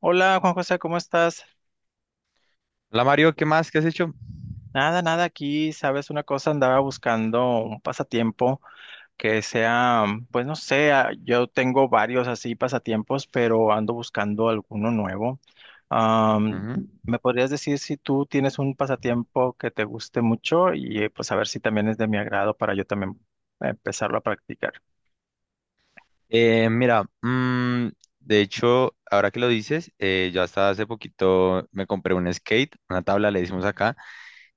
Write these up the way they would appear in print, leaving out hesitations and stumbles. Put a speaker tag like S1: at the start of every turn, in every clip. S1: Hola Juan José, ¿cómo estás?
S2: La Mario, ¿qué más? ¿Qué has hecho?
S1: Nada aquí, sabes una cosa, andaba buscando un pasatiempo, que sea, pues no sé, yo tengo varios así pasatiempos, pero ando buscando alguno nuevo. Am,
S2: Ujú.
S1: ¿Me podrías decir si tú tienes un pasatiempo que te guste mucho y pues a ver si también es de mi agrado para yo también empezarlo a practicar?
S2: Mira, de hecho, ahora que lo dices, yo hasta hace poquito me compré un skate, una tabla, le decimos acá,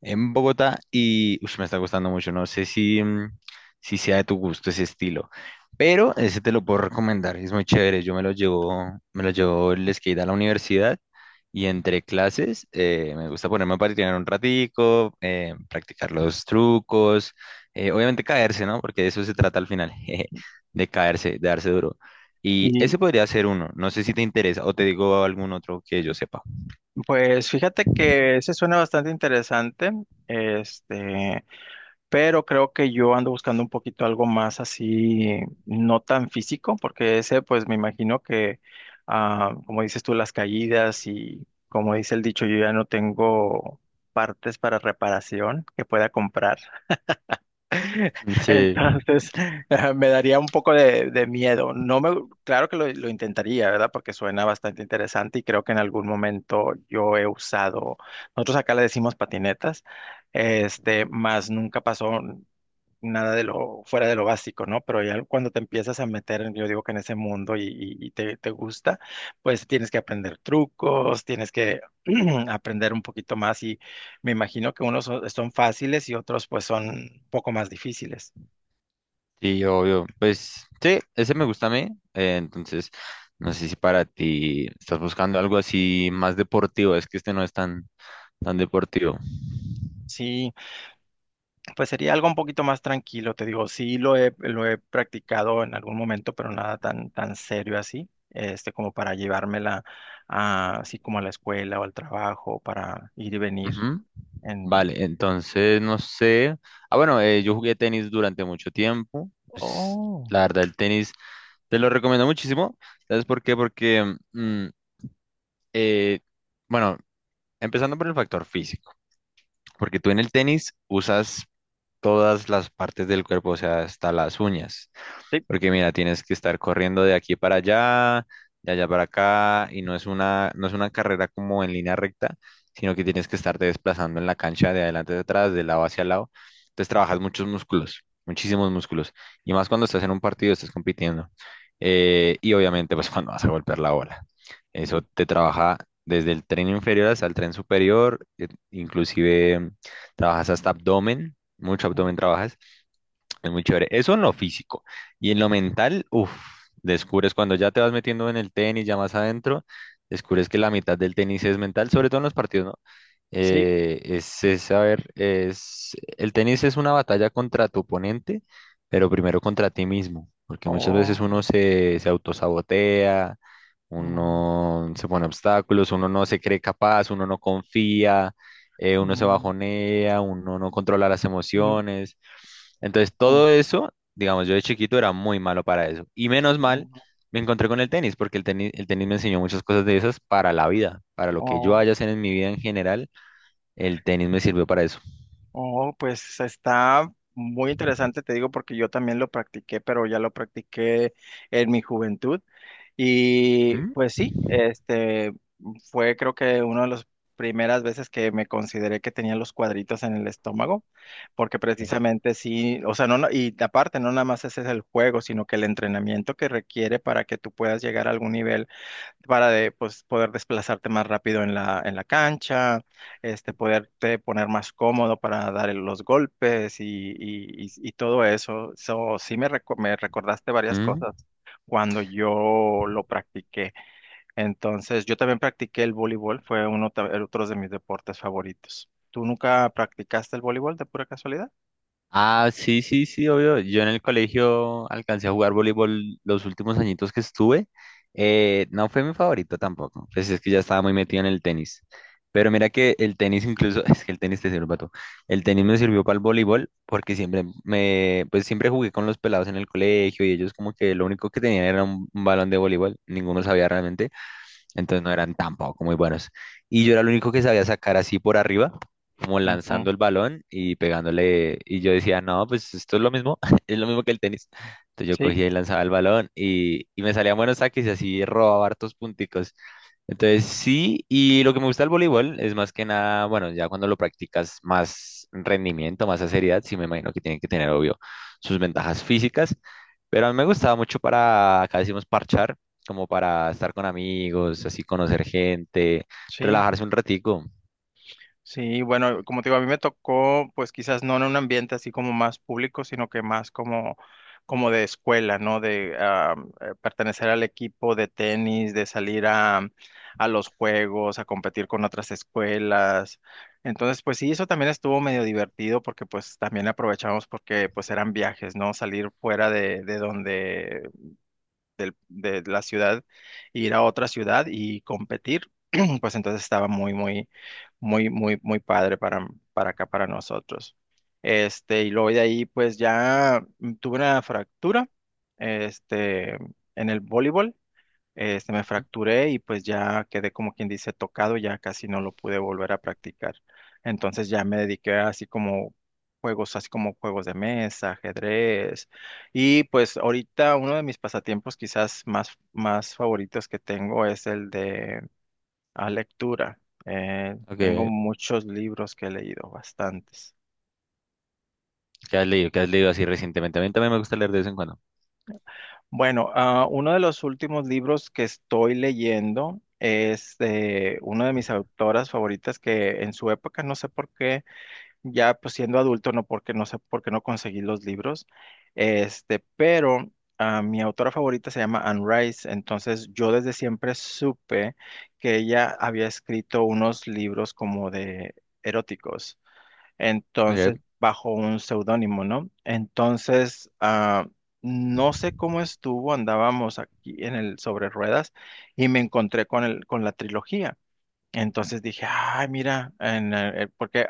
S2: en Bogotá y ush, me está gustando mucho. No sé si, si sea de tu gusto ese estilo, pero ese te lo puedo recomendar. Es muy chévere. Yo me lo llevo el skate a la universidad y entre clases me gusta ponerme a patinar un ratico, practicar los trucos, obviamente caerse, ¿no? Porque de eso se trata al final, jeje, de caerse, de darse duro. Y
S1: Y
S2: ese podría ser uno. No sé si te interesa o te digo algún otro que yo sepa.
S1: pues fíjate que ese suena bastante interesante. Este, pero creo que yo ando buscando un poquito algo más así, no tan físico, porque ese, pues me imagino que, como dices tú, las caídas y como dice el dicho, yo ya no tengo partes para reparación que pueda comprar.
S2: Sí.
S1: Entonces, me daría un poco de miedo. No me, claro que lo intentaría, ¿verdad? Porque suena bastante interesante y creo que en algún momento yo he usado, nosotros acá le decimos patinetas, este, más nunca pasó, nada de lo fuera de lo básico, ¿no? Pero ya cuando te empiezas a meter, yo digo que en ese mundo y te, te gusta, pues tienes que aprender trucos, tienes que aprender un poquito más y me imagino que unos son fáciles y otros pues son un poco más difíciles.
S2: Sí, obvio. Pues sí, ese me gusta a mí. Entonces, no sé si para ti estás buscando algo así más deportivo. Es que este no es tan, tan deportivo.
S1: Sí, pues sería algo un poquito más tranquilo, te digo, sí lo he practicado en algún momento, pero nada tan serio así, este, como para llevármela así como a la escuela o al trabajo, para ir y venir.
S2: Ujú. Vale, entonces no sé. Ah, bueno, yo jugué tenis durante mucho tiempo. Pues,
S1: Oh,
S2: la verdad, el tenis te lo recomiendo muchísimo. ¿Sabes por qué? Eh, bueno, empezando por el factor físico. Porque tú en el tenis usas todas las partes del cuerpo, o sea, hasta las uñas.
S1: sí,
S2: Porque mira, tienes que estar corriendo de aquí para allá, de allá para acá, y no es una carrera como en línea recta, sino que tienes que estarte desplazando en la cancha de adelante hacia atrás, de lado hacia lado. Entonces trabajas muchos músculos, muchísimos músculos. Y más cuando estás en un partido, estás compitiendo. Y obviamente, pues cuando vas a golpear la bola. Eso te trabaja desde el tren inferior hasta el tren superior, inclusive trabajas hasta abdomen, mucho
S1: mm,
S2: abdomen trabajas. Es muy chévere. Eso en lo físico. Y en lo mental, uff, descubres cuando ya te vas metiendo en el tenis, ya más adentro, descubres que la mitad del tenis es mental, sobre todo en los partidos, ¿no?
S1: sí,
S2: Es, el tenis es una batalla contra tu oponente, pero primero contra ti mismo, porque muchas veces
S1: oh,
S2: se autosabotea,
S1: oh,
S2: uno se pone obstáculos, uno no se cree capaz, uno no confía, uno se
S1: mm,
S2: bajonea, uno no controla las
S1: mm,
S2: emociones. Entonces,
S1: oh,
S2: todo eso, digamos, yo de chiquito era muy malo para eso. Y menos mal,
S1: oh,
S2: me encontré con el tenis, porque el tenis me enseñó muchas cosas de esas para la vida, para lo que yo vaya
S1: oh,
S2: a hacer en mi vida en general, el tenis me sirvió para eso.
S1: oh, pues está muy interesante, te digo, porque yo también lo practiqué, pero ya lo practiqué en mi juventud. Y
S2: ¿Mm?
S1: pues sí, este fue creo que una de las primeras veces que me consideré que tenía los cuadritos en el estómago, porque
S2: Sí.
S1: precisamente sí, o sea, y aparte no nada más ese es el juego, sino que el entrenamiento que requiere para que tú puedas llegar a algún nivel para de, pues, poder desplazarte más rápido en en la cancha, este, poderte poner más cómodo para dar los golpes y todo eso. So, me recordaste varias
S2: ¿Mm?
S1: cosas cuando yo lo practiqué. Entonces, yo también practiqué el voleibol, fue el otro de mis deportes favoritos. ¿Tú nunca practicaste el voleibol de pura casualidad?
S2: Ah, sí, sí, sí, obvio. Yo en el colegio alcancé a jugar voleibol los últimos añitos que estuve. No fue mi favorito tampoco, pues es que ya estaba muy metido en el tenis. Pero mira que el tenis incluso, es que el tenis te sirve para todo. El tenis me sirvió para el voleibol porque siempre me, pues siempre jugué con los pelados en el colegio y ellos como que lo único que tenían era un balón de voleibol, ninguno sabía realmente. Entonces no eran tampoco muy buenos. Y yo era el único que sabía sacar así por arriba, como
S1: Ujú,
S2: lanzando el balón y pegándole. Y yo decía, no, pues esto es lo mismo, es lo mismo que el tenis. Entonces yo
S1: Sí,
S2: cogía y lanzaba el balón y me salían buenos saques y así robaba hartos punticos. Entonces sí, y lo que me gusta del voleibol es más que nada, bueno, ya cuando lo practicas más rendimiento, más a seriedad, sí me imagino que tienen que tener, obvio, sus ventajas físicas, pero a mí me gustaba mucho para, acá decimos parchar, como para estar con amigos, así conocer gente,
S1: sí.
S2: relajarse un ratico.
S1: Sí, bueno, como te digo, a mí me tocó, pues quizás no en un ambiente así como más público, sino que más como, como de escuela, ¿no? Pertenecer al equipo de tenis, de salir a los juegos, a competir con otras escuelas. Entonces, pues sí, eso también estuvo medio divertido porque pues también aprovechamos porque pues eran viajes, ¿no? Salir fuera de donde de la ciudad, ir a otra ciudad y competir, pues entonces estaba muy padre para acá, para nosotros. Y luego de ahí, pues ya tuve una fractura, este, en el voleibol. Este, me
S2: Ujú.
S1: fracturé y pues ya quedé como quien dice tocado, ya casi no lo pude volver a practicar. Entonces ya me dediqué a así como juegos de mesa, ajedrez. Y pues ahorita uno de mis pasatiempos más favoritos que tengo es el de la lectura. Tengo
S2: Okay.
S1: muchos libros que he leído, bastantes.
S2: ¿Qué has leído? ¿Qué has leído así recientemente? A mí también me gusta leer de vez en cuando.
S1: Bueno, uno de los últimos libros que estoy leyendo es de una de mis autoras favoritas que en su época, no sé por qué, ya pues siendo adulto, no porque no sé por qué no conseguí los libros, este, pero mi autora favorita se llama Anne Rice, entonces yo desde siempre supe que ella había escrito unos libros como de eróticos. Entonces,
S2: Okay.
S1: bajo un seudónimo, ¿no? No sé cómo estuvo, andábamos aquí en el sobre ruedas y me encontré con con la trilogía. Entonces dije, ay, mira, porque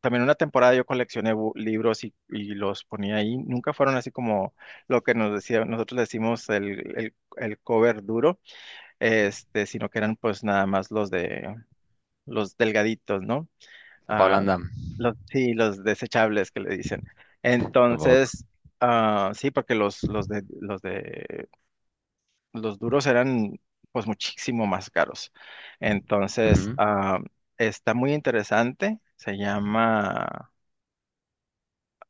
S1: también una temporada yo coleccioné libros y los ponía ahí. Nunca fueron así como lo que nos decía, nosotros decimos el cover duro, este, sino que eran pues nada más los de los delgaditos, ¿no?
S2: A Pablo
S1: ah,
S2: Andam.
S1: los, sí, los desechables que le dicen.
S2: Tampoco.
S1: Entonces, sí, porque los de, los duros eran pues muchísimo más caros. Entonces,
S2: Ujú.
S1: ah, Está muy interesante. Se llama,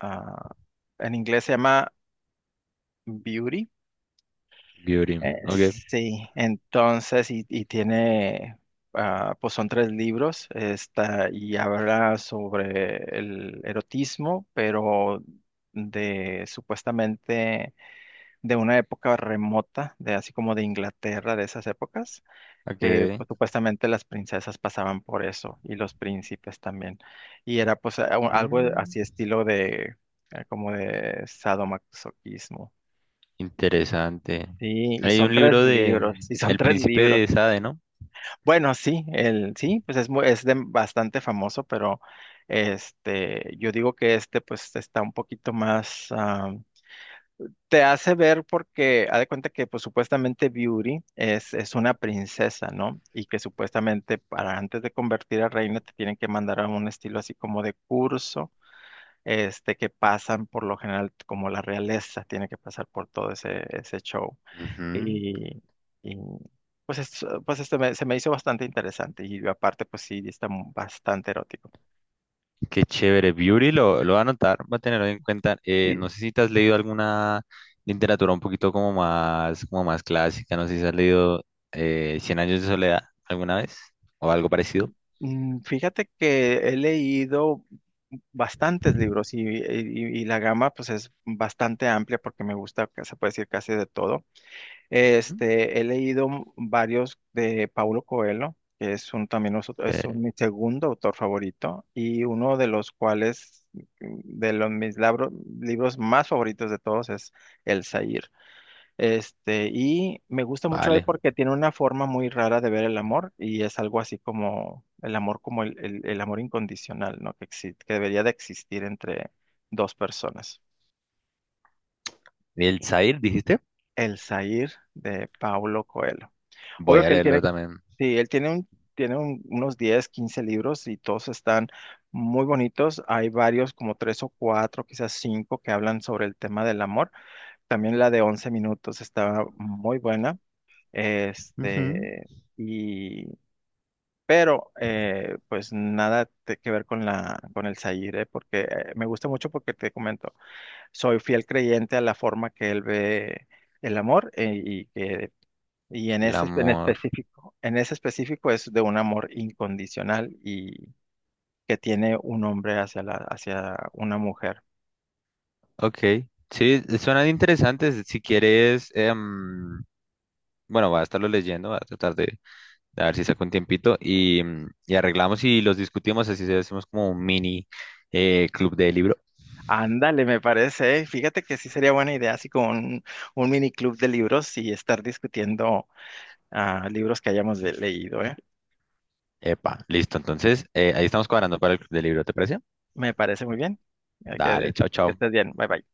S1: ah, en inglés se llama Beauty.
S2: Beauty. Okay.
S1: Sí, entonces, y tiene, pues son tres libros, está, y habla sobre el erotismo, pero de supuestamente de una época remota, de así como de Inglaterra, de esas épocas, que
S2: Okay.
S1: pues, supuestamente las princesas pasaban por eso, y los príncipes también. Y era pues algo
S2: Mm.
S1: así estilo de, como de sadomasoquismo.
S2: Interesante.
S1: Sí, y
S2: Hay
S1: son
S2: un
S1: tres
S2: libro de
S1: libros, y son
S2: El
S1: tres
S2: Príncipe de
S1: libros.
S2: Sade, ¿no?
S1: Bueno, sí, el sí, pues es muy, bastante famoso, pero este, yo digo que este pues está un poquito más te hace ver porque haz de cuenta que pues supuestamente Beauty es una princesa, ¿no? Y que supuestamente para antes de convertir a reina te tienen que mandar a un estilo así como de curso, este, que pasan por lo general como la realeza, tiene que pasar por todo ese, ese show.
S2: Ujú.
S1: Y, y, pues, pues este se me hizo bastante interesante y aparte pues sí, está bastante erótico.
S2: Qué chévere. Beauty lo va a anotar, va a tenerlo en cuenta.
S1: Y
S2: No sé si te has leído alguna literatura un poquito como más clásica. No sé si has leído Cien años de soledad alguna vez o algo parecido.
S1: fíjate que he leído bastantes libros y, y la gama pues es bastante amplia porque me gusta, que se puede decir casi de todo.
S2: Ujú.
S1: Este, he leído varios de Paulo Coelho, que es un, también
S2: Eh,
S1: mi segundo autor favorito, y uno de los cuales, de los libros más favoritos de todos es El Zahir. Este, y me gusta mucho él
S2: vale.
S1: porque tiene una forma muy rara de ver el amor, y es algo así como el amor, como el amor incondicional, ¿no? Que, que debería de existir entre dos personas.
S2: El Zahir, dijiste.
S1: El Zahir de Paulo Coelho.
S2: Voy
S1: Obvio
S2: a
S1: que él
S2: leerlo
S1: tiene,
S2: también.
S1: sí, él tiene un, unos 10, 15 libros y todos están muy bonitos. Hay varios, como tres o cuatro, quizás cinco, que hablan sobre el tema del amor. También la de 11 minutos está muy buena.
S2: Ujú.
S1: Este, y, pero, pues nada te- que ver con la, con el Zahir, ¿eh? Porque me gusta mucho porque te comento, soy fiel creyente a la forma que él ve el amor y que y en
S2: El
S1: ese en
S2: amor.
S1: específico, en ese específico es de un amor incondicional y que tiene un hombre hacia la, hacia una mujer.
S2: Ok. Sí, suenan interesantes. Si quieres, bueno, voy a estarlo leyendo, voy a tratar de ver si saco un tiempito y, y arreglamos y los discutimos, así se hacemos como un mini club de libro.
S1: Ándale, me parece, ¿eh? Fíjate que sí sería buena idea, así como un mini club de libros y estar discutiendo libros que hayamos leído, ¿eh?
S2: Epa, listo. Entonces, ahí estamos cuadrando para el club de libro, ¿te parece?
S1: Me parece muy bien. Eh, Que,
S2: Dale, chao,
S1: que estés
S2: chao.
S1: bien. Bye bye.